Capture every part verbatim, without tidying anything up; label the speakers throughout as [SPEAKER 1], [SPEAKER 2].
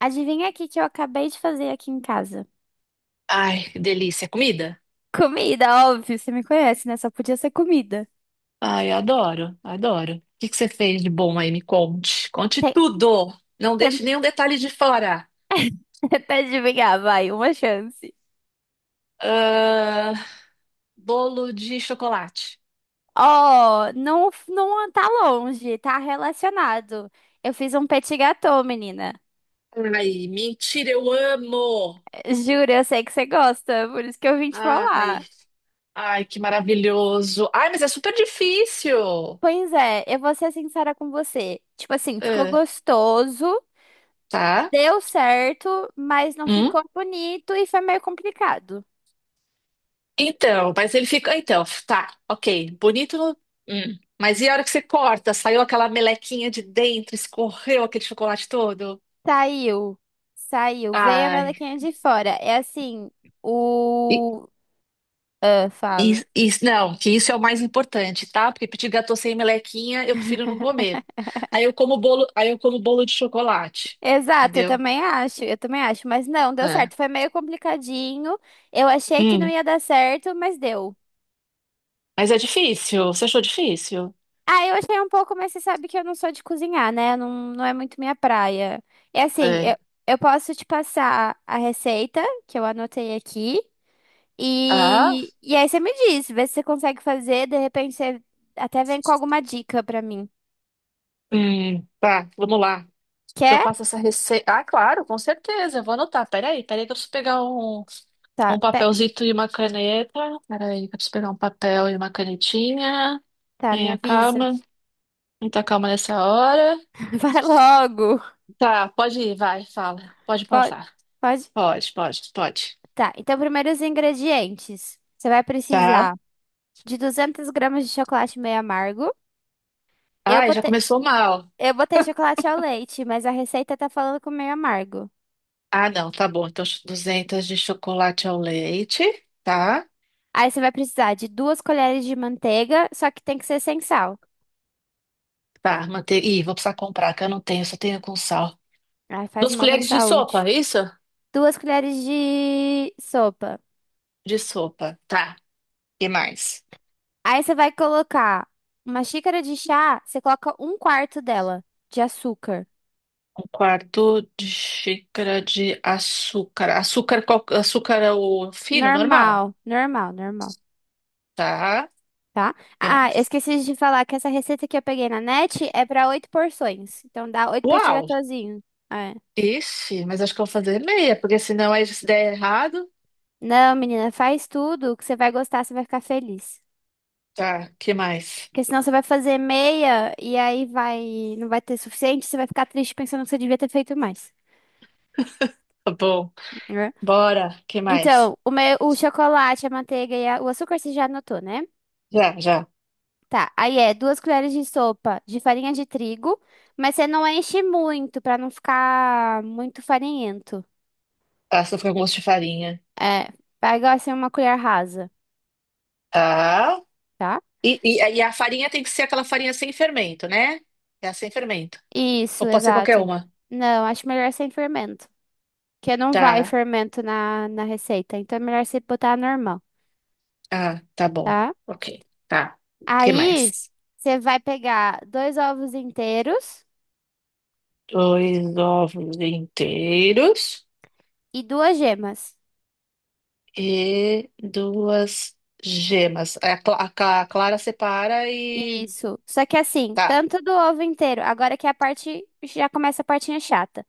[SPEAKER 1] Adivinha aqui que eu acabei de fazer aqui em casa.
[SPEAKER 2] Ai, que delícia. É comida?
[SPEAKER 1] Comida, óbvio, você me conhece, né? Só podia ser comida.
[SPEAKER 2] Ai, adoro, adoro. O que que você fez de bom aí? Me conte. Conte
[SPEAKER 1] Tem-
[SPEAKER 2] tudo. Não
[SPEAKER 1] tem-
[SPEAKER 2] deixe nenhum detalhe de fora.
[SPEAKER 1] Tenta adivinhar, vai, uma chance.
[SPEAKER 2] Ah, bolo de chocolate.
[SPEAKER 1] Oh, não, não tá longe, tá relacionado. Eu fiz um petit gâteau, menina.
[SPEAKER 2] Ai, mentira, eu amo.
[SPEAKER 1] Juro, eu sei que você gosta, por isso que eu vim te
[SPEAKER 2] Ai,
[SPEAKER 1] falar.
[SPEAKER 2] ai, que maravilhoso. Ai, mas é super difícil.
[SPEAKER 1] Pois é, eu vou ser sincera com você. Tipo assim, ficou
[SPEAKER 2] Ah,
[SPEAKER 1] gostoso,
[SPEAKER 2] tá?
[SPEAKER 1] deu certo, mas não
[SPEAKER 2] Hum?
[SPEAKER 1] ficou bonito e foi meio complicado.
[SPEAKER 2] Então, mas ele fica. Então, tá, ok. Bonito. No- hum. Mas e a hora que você corta? Saiu aquela melequinha de dentro, escorreu aquele chocolate todo?
[SPEAKER 1] Saiu, saiu, veio a
[SPEAKER 2] Ai.
[SPEAKER 1] melequinha de fora. É assim,
[SPEAKER 2] E,
[SPEAKER 1] o. Ah,
[SPEAKER 2] e-
[SPEAKER 1] fala.
[SPEAKER 2] e- não, que isso é o mais importante, tá? Porque pedir gâteau sem melequinha, eu prefiro não comer. Aí eu como bolo, aí eu como bolo de chocolate.
[SPEAKER 1] Exato, eu
[SPEAKER 2] Entendeu?
[SPEAKER 1] também acho, eu também acho, mas não, deu
[SPEAKER 2] É.
[SPEAKER 1] certo, foi meio complicadinho. Eu achei que não
[SPEAKER 2] Hum.
[SPEAKER 1] ia dar certo, mas deu.
[SPEAKER 2] Mas é difícil. Você achou difícil?
[SPEAKER 1] Ah, eu achei um pouco, mas você sabe que eu não sou de cozinhar, né? Não, não é muito minha praia. É assim, eu,
[SPEAKER 2] É.
[SPEAKER 1] eu posso te passar a receita que eu anotei aqui.
[SPEAKER 2] Ah?
[SPEAKER 1] E, e aí você me diz, vê se você consegue fazer, de repente você até vem com alguma dica pra mim.
[SPEAKER 2] Hum, tá, vamos lá. Eu
[SPEAKER 1] Quer?
[SPEAKER 2] passo essa receita. Ah, claro, com certeza. Eu vou anotar. Peraí, peraí, que eu preciso pegar um,
[SPEAKER 1] Tá,
[SPEAKER 2] um
[SPEAKER 1] pe-
[SPEAKER 2] papelzito e uma caneta. Peraí, que eu preciso pegar um papel e uma canetinha.
[SPEAKER 1] tá, me
[SPEAKER 2] Tenha
[SPEAKER 1] avisa.
[SPEAKER 2] calma. Muita calma nessa hora.
[SPEAKER 1] Vai logo.
[SPEAKER 2] Tá, pode ir, vai, fala. Pode
[SPEAKER 1] Pode,
[SPEAKER 2] pausar.
[SPEAKER 1] pode.
[SPEAKER 2] Pode, pode, pode.
[SPEAKER 1] Tá, então, primeiro os ingredientes. Você vai precisar
[SPEAKER 2] Tá.
[SPEAKER 1] de duzentos gramas de chocolate meio amargo. Eu
[SPEAKER 2] Ai, já
[SPEAKER 1] botei,
[SPEAKER 2] começou mal.
[SPEAKER 1] eu botei chocolate ao leite, mas a receita tá falando com meio amargo.
[SPEAKER 2] Ah, não, tá bom. Então, duzentas de chocolate ao leite. Tá,
[SPEAKER 1] Aí você vai precisar de duas colheres de manteiga, só que tem que ser sem sal.
[SPEAKER 2] tá. Manter... Ih, vou precisar comprar, que eu não tenho, só tenho com sal.
[SPEAKER 1] Aí faz
[SPEAKER 2] Duas
[SPEAKER 1] mal pra
[SPEAKER 2] colheres de sopa,
[SPEAKER 1] saúde.
[SPEAKER 2] é isso?
[SPEAKER 1] Duas colheres de sopa.
[SPEAKER 2] De sopa. Tá. E mais?
[SPEAKER 1] Aí você vai colocar uma xícara de chá, você coloca um quarto dela de açúcar.
[SPEAKER 2] Um quarto de xícara de açúcar. Açúcar, qual- açúcar é o fino, normal,
[SPEAKER 1] Normal, normal, normal,
[SPEAKER 2] tá?
[SPEAKER 1] tá?
[SPEAKER 2] E
[SPEAKER 1] Ah, eu
[SPEAKER 2] mais?
[SPEAKER 1] esqueci de falar que essa receita que eu peguei na net é pra oito porções. Então dá oito petit
[SPEAKER 2] Uau!
[SPEAKER 1] gâteauzinho. É.
[SPEAKER 2] Ixi, mas acho que eu vou fazer meia, porque senão aí se der errado.
[SPEAKER 1] Não, menina, faz tudo que você vai gostar, você vai ficar feliz.
[SPEAKER 2] Tá, que mais?
[SPEAKER 1] Porque senão você vai fazer meia e aí vai, não vai ter suficiente, você vai ficar triste pensando que você devia ter feito mais.
[SPEAKER 2] Tá bom.
[SPEAKER 1] né?
[SPEAKER 2] Bora, que mais?
[SPEAKER 1] Então, o meu, o chocolate, a manteiga e a- o açúcar você já anotou, né?
[SPEAKER 2] Já, já.
[SPEAKER 1] Tá, aí é duas colheres de sopa de farinha de trigo, mas você não enche muito pra não ficar muito farinhento.
[SPEAKER 2] Tá, só fica com gosto de farinha.
[SPEAKER 1] É, pega assim uma colher rasa,
[SPEAKER 2] Tá.
[SPEAKER 1] tá?
[SPEAKER 2] E, e, e a farinha tem que ser aquela farinha sem fermento, né? É a sem fermento.
[SPEAKER 1] Isso,
[SPEAKER 2] Ou pode ser qualquer
[SPEAKER 1] exato.
[SPEAKER 2] uma.
[SPEAKER 1] Não, acho melhor sem fermento, porque não vai
[SPEAKER 2] Tá.
[SPEAKER 1] fermento na, na receita, então é melhor você botar normal,
[SPEAKER 2] Ah, tá bom.
[SPEAKER 1] tá?
[SPEAKER 2] Ok. Tá. O que
[SPEAKER 1] Aí
[SPEAKER 2] mais?
[SPEAKER 1] você vai pegar dois ovos inteiros
[SPEAKER 2] Dois ovos inteiros
[SPEAKER 1] e duas gemas.
[SPEAKER 2] e duas gemas. Aí A, cla- a ca- a Clara separa e
[SPEAKER 1] Isso. Só que assim,
[SPEAKER 2] tá.
[SPEAKER 1] tanto do ovo inteiro, agora que é a parte já começa a partinha chata.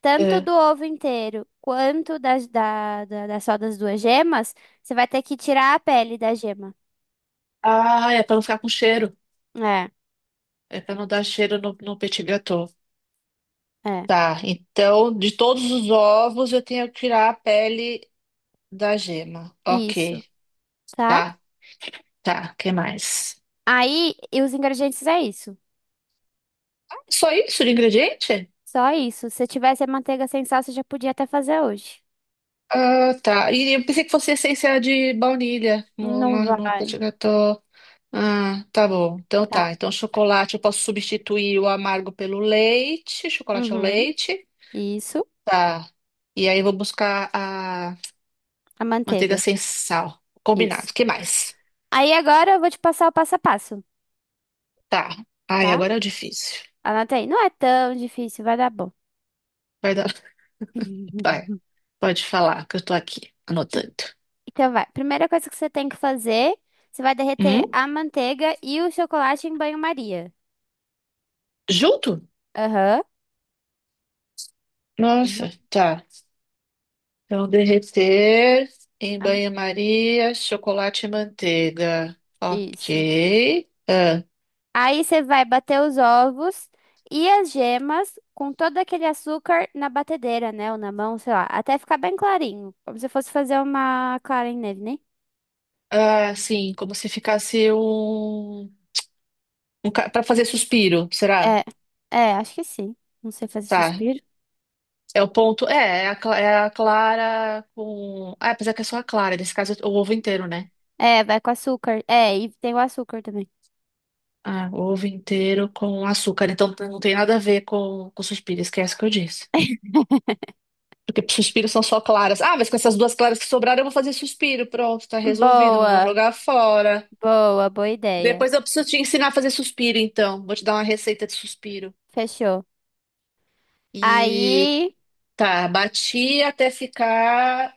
[SPEAKER 1] Tanto
[SPEAKER 2] É.
[SPEAKER 1] do ovo inteiro quanto das, da, da, da- só das duas gemas, você vai ter que tirar a pele da gema.
[SPEAKER 2] Ah, é para não ficar com cheiro.
[SPEAKER 1] É,
[SPEAKER 2] É para não dar cheiro no, no petit gâteau.
[SPEAKER 1] é.
[SPEAKER 2] Tá, então de todos os ovos eu tenho que tirar a pele da gema.
[SPEAKER 1] Isso,
[SPEAKER 2] Ok,
[SPEAKER 1] tá?
[SPEAKER 2] tá, tá. Que mais?
[SPEAKER 1] Aí, e os ingredientes é isso.
[SPEAKER 2] Só isso de ingrediente?
[SPEAKER 1] Só isso. Se tivesse a manteiga sem sal, você já podia até fazer hoje.
[SPEAKER 2] Ah, tá. E eu pensei que fosse essência de baunilha no,
[SPEAKER 1] Não
[SPEAKER 2] no, no
[SPEAKER 1] vai,
[SPEAKER 2] petit gâteau. Ah, tá bom. Então
[SPEAKER 1] tá?
[SPEAKER 2] tá. Então chocolate, eu posso substituir o amargo pelo leite, chocolate ao
[SPEAKER 1] Uhum.
[SPEAKER 2] leite.
[SPEAKER 1] Isso,
[SPEAKER 2] Tá. E aí eu vou buscar a
[SPEAKER 1] a
[SPEAKER 2] manteiga
[SPEAKER 1] manteiga.
[SPEAKER 2] sem sal.
[SPEAKER 1] Isso.
[SPEAKER 2] Combinado. O que mais?
[SPEAKER 1] Aí agora eu vou te passar o passo a passo,
[SPEAKER 2] Tá. Ai,
[SPEAKER 1] tá?
[SPEAKER 2] agora é o difícil.
[SPEAKER 1] Anota aí. Não é tão difícil, vai dar bom.
[SPEAKER 2] Vai dar. Vai. Pode falar que eu tô aqui anotando.
[SPEAKER 1] Então vai. Primeira coisa que você tem que fazer, você vai derreter
[SPEAKER 2] Hum?
[SPEAKER 1] a manteiga e o chocolate em banho-maria.
[SPEAKER 2] Junto?
[SPEAKER 1] Aham. Ju-
[SPEAKER 2] Nossa, tá. Então derreter em
[SPEAKER 1] Am-
[SPEAKER 2] banho-maria, chocolate e manteiga.
[SPEAKER 1] Isso.
[SPEAKER 2] Ok.
[SPEAKER 1] Aí você vai bater os ovos e as gemas com todo aquele açúcar na batedeira, né? Ou na mão, sei lá, até ficar bem clarinho. Como se fosse fazer uma clara em neve, né?
[SPEAKER 2] Ah, sim, como se ficasse um, um para fazer suspiro, será?
[SPEAKER 1] É, é, acho que sim. Não sei fazer
[SPEAKER 2] Tá.
[SPEAKER 1] suspiro.
[SPEAKER 2] É o ponto. É, é a, cla- é a clara com. Ah, apesar que é só a clara, nesse caso é o ovo inteiro, né?
[SPEAKER 1] É, vai com açúcar. É, e tem o açúcar também.
[SPEAKER 2] Ah, o ovo inteiro com açúcar. Então não tem nada a ver com, com suspiro, esquece o que eu disse. Porque suspiros são só claras. Ah, mas com essas duas claras que sobraram, eu vou fazer suspiro. Pronto, tá resolvido, não vou
[SPEAKER 1] Boa,
[SPEAKER 2] jogar fora.
[SPEAKER 1] boa, boa ideia.
[SPEAKER 2] Depois eu preciso te ensinar a fazer suspiro, então. Vou te dar uma receita de suspiro.
[SPEAKER 1] Fechou.
[SPEAKER 2] E
[SPEAKER 1] Aí.
[SPEAKER 2] tá, bati até ficar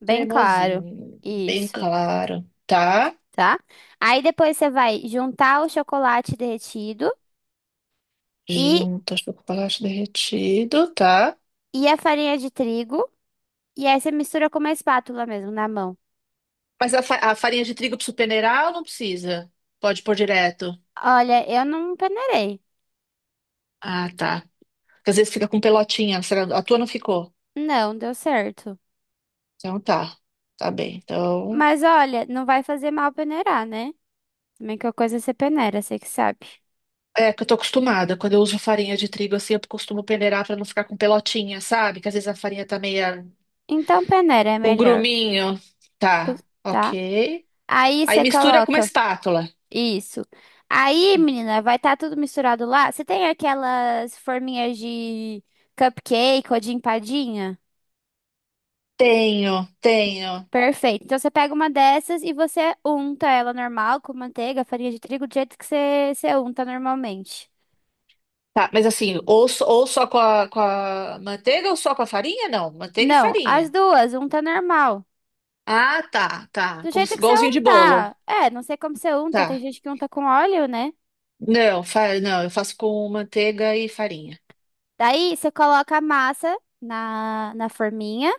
[SPEAKER 1] Bem claro.
[SPEAKER 2] cremosinho, bem
[SPEAKER 1] Isso,
[SPEAKER 2] claro, tá?
[SPEAKER 1] tá? Aí depois você vai juntar o chocolate derretido e,
[SPEAKER 2] Junto, acho que o chocolate derretido, tá?
[SPEAKER 1] e a farinha de trigo. E aí você mistura com uma espátula mesmo, na mão.
[SPEAKER 2] Mas a, fa- a farinha de trigo precisa peneirar ou não precisa? Pode pôr direto.
[SPEAKER 1] Olha, eu não peneirei.
[SPEAKER 2] Ah, tá. Porque às vezes fica com pelotinha, será- a tua não ficou?
[SPEAKER 1] Não, deu certo.
[SPEAKER 2] Então tá, tá bem. Então,
[SPEAKER 1] Mas olha, não vai fazer mal peneirar, né? Também que a coisa você peneira, você que sabe.
[SPEAKER 2] é que eu tô acostumada, quando eu uso farinha de trigo assim, eu costumo peneirar pra não ficar com pelotinha, sabe? Que às vezes a farinha tá meia
[SPEAKER 1] Então peneira é
[SPEAKER 2] um
[SPEAKER 1] melhor,
[SPEAKER 2] gruminho.
[SPEAKER 1] cus-
[SPEAKER 2] Tá,
[SPEAKER 1] tá?
[SPEAKER 2] ok.
[SPEAKER 1] Aí
[SPEAKER 2] Aí
[SPEAKER 1] você
[SPEAKER 2] mistura com uma
[SPEAKER 1] coloca.
[SPEAKER 2] espátula.
[SPEAKER 1] Isso. Aí, menina, vai estar tudo misturado lá. Você tem aquelas forminhas de cupcake ou de empadinha?
[SPEAKER 2] Tenho, tenho.
[SPEAKER 1] Perfeito. Então você pega uma dessas e você unta ela normal com manteiga, farinha de trigo, do jeito que você, você unta normalmente.
[SPEAKER 2] Tá, mas assim, ou, só- ou só com a, com a manteiga ou só com a farinha? Não, manteiga e
[SPEAKER 1] Não, as
[SPEAKER 2] farinha.
[SPEAKER 1] duas, unta normal.
[SPEAKER 2] Ah, tá, tá.
[SPEAKER 1] Do
[SPEAKER 2] Como
[SPEAKER 1] jeito
[SPEAKER 2] se-
[SPEAKER 1] que você
[SPEAKER 2] igualzinho de bolo.
[SPEAKER 1] untar. É, não sei como você unta, tem
[SPEAKER 2] Tá.
[SPEAKER 1] gente que unta com óleo, né?
[SPEAKER 2] Não, fa- não, eu faço com manteiga e farinha.
[SPEAKER 1] Daí você coloca a massa na, na forminha.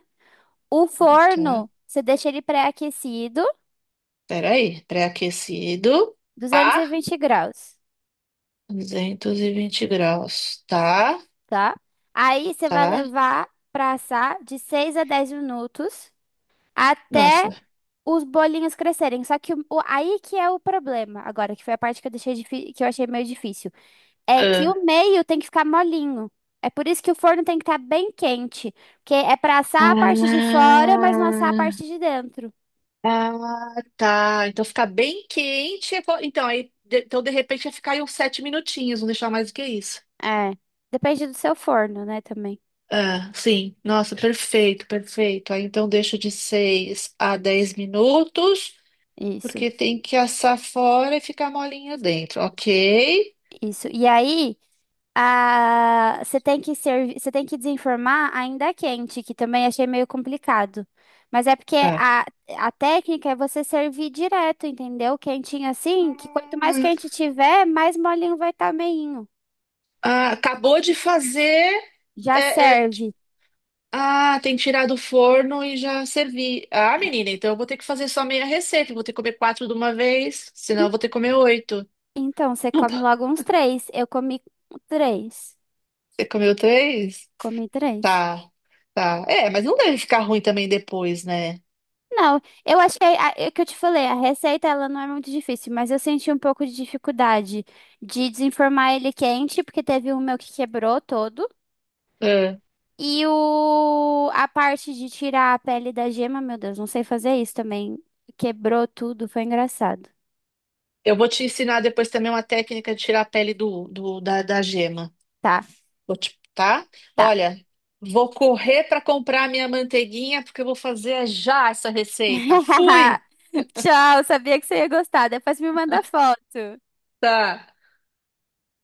[SPEAKER 1] O
[SPEAKER 2] Tá.
[SPEAKER 1] forno, você deixa ele pré-aquecido.
[SPEAKER 2] Peraí, pré-aquecido.
[SPEAKER 1] duzentos e
[SPEAKER 2] Tá.
[SPEAKER 1] vinte graus,
[SPEAKER 2] Duzentos e vinte graus. Tá,
[SPEAKER 1] tá? Aí você vai
[SPEAKER 2] tá.
[SPEAKER 1] levar pra assar de seis a dez minutos até
[SPEAKER 2] Nossa.
[SPEAKER 1] os bolinhos crescerem. Só que o, o- aí que é o problema, agora, que foi a parte que eu deixei difí- que eu achei meio difícil, é que
[SPEAKER 2] Ah.
[SPEAKER 1] o meio tem que ficar molinho. É por isso que o forno tem que estar bem quente, porque é pra assar a parte de fora, mas não assar a parte
[SPEAKER 2] Ah.
[SPEAKER 1] de dentro.
[SPEAKER 2] Ah, tá. Então ficar bem quente. é co- Então, aí, de- então de repente ia ficar aí uns sete minutinhos, não deixar mais do que isso.
[SPEAKER 1] É, depende do seu forno, né, também.
[SPEAKER 2] Ah, sim. Nossa, perfeito, perfeito. Aí então deixa de seis a dez minutos,
[SPEAKER 1] Isso,
[SPEAKER 2] porque tem que assar fora e ficar molinha dentro, ok?
[SPEAKER 1] isso. E aí. Ah, você tem que servir, você tem que desenformar ainda quente, que também achei meio complicado. Mas é porque
[SPEAKER 2] Tá.
[SPEAKER 1] a, a técnica é você servir direto, entendeu? Quentinho assim, que quanto mais quente tiver, mais molinho vai estar meinho.
[SPEAKER 2] Ah, acabou de fazer.
[SPEAKER 1] Já
[SPEAKER 2] é, é,
[SPEAKER 1] serve.
[SPEAKER 2] ah, tem que tirar do forno e já servir. Ah, menina, então eu vou ter que fazer só meia receita. Eu vou ter que comer quatro de uma vez, senão eu vou ter que comer oito.
[SPEAKER 1] Então, você
[SPEAKER 2] Não
[SPEAKER 1] come
[SPEAKER 2] tá.
[SPEAKER 1] logo uns três. Eu comi três.
[SPEAKER 2] Você comeu três?
[SPEAKER 1] Comi três.
[SPEAKER 2] Tá, tá. É, mas não deve ficar ruim também depois, né?
[SPEAKER 1] Não, eu achei, a- é o que eu te falei, a receita ela não é muito difícil, mas eu senti um pouco de dificuldade de desenformar ele quente, porque teve um meu que quebrou todo.
[SPEAKER 2] É.
[SPEAKER 1] E o, a parte de tirar a pele da gema, meu Deus, não sei fazer isso também. Quebrou tudo, foi engraçado.
[SPEAKER 2] Eu vou te ensinar depois também uma técnica de tirar a pele do, do- da, da gema.
[SPEAKER 1] Tá,
[SPEAKER 2] Vou te- tá?
[SPEAKER 1] tá.
[SPEAKER 2] Olha, vou correr para comprar minha manteiguinha porque eu vou fazer já essa receita. Fui!
[SPEAKER 1] Tchau, sabia que você ia gostar. Depois me manda foto.
[SPEAKER 2] Tá.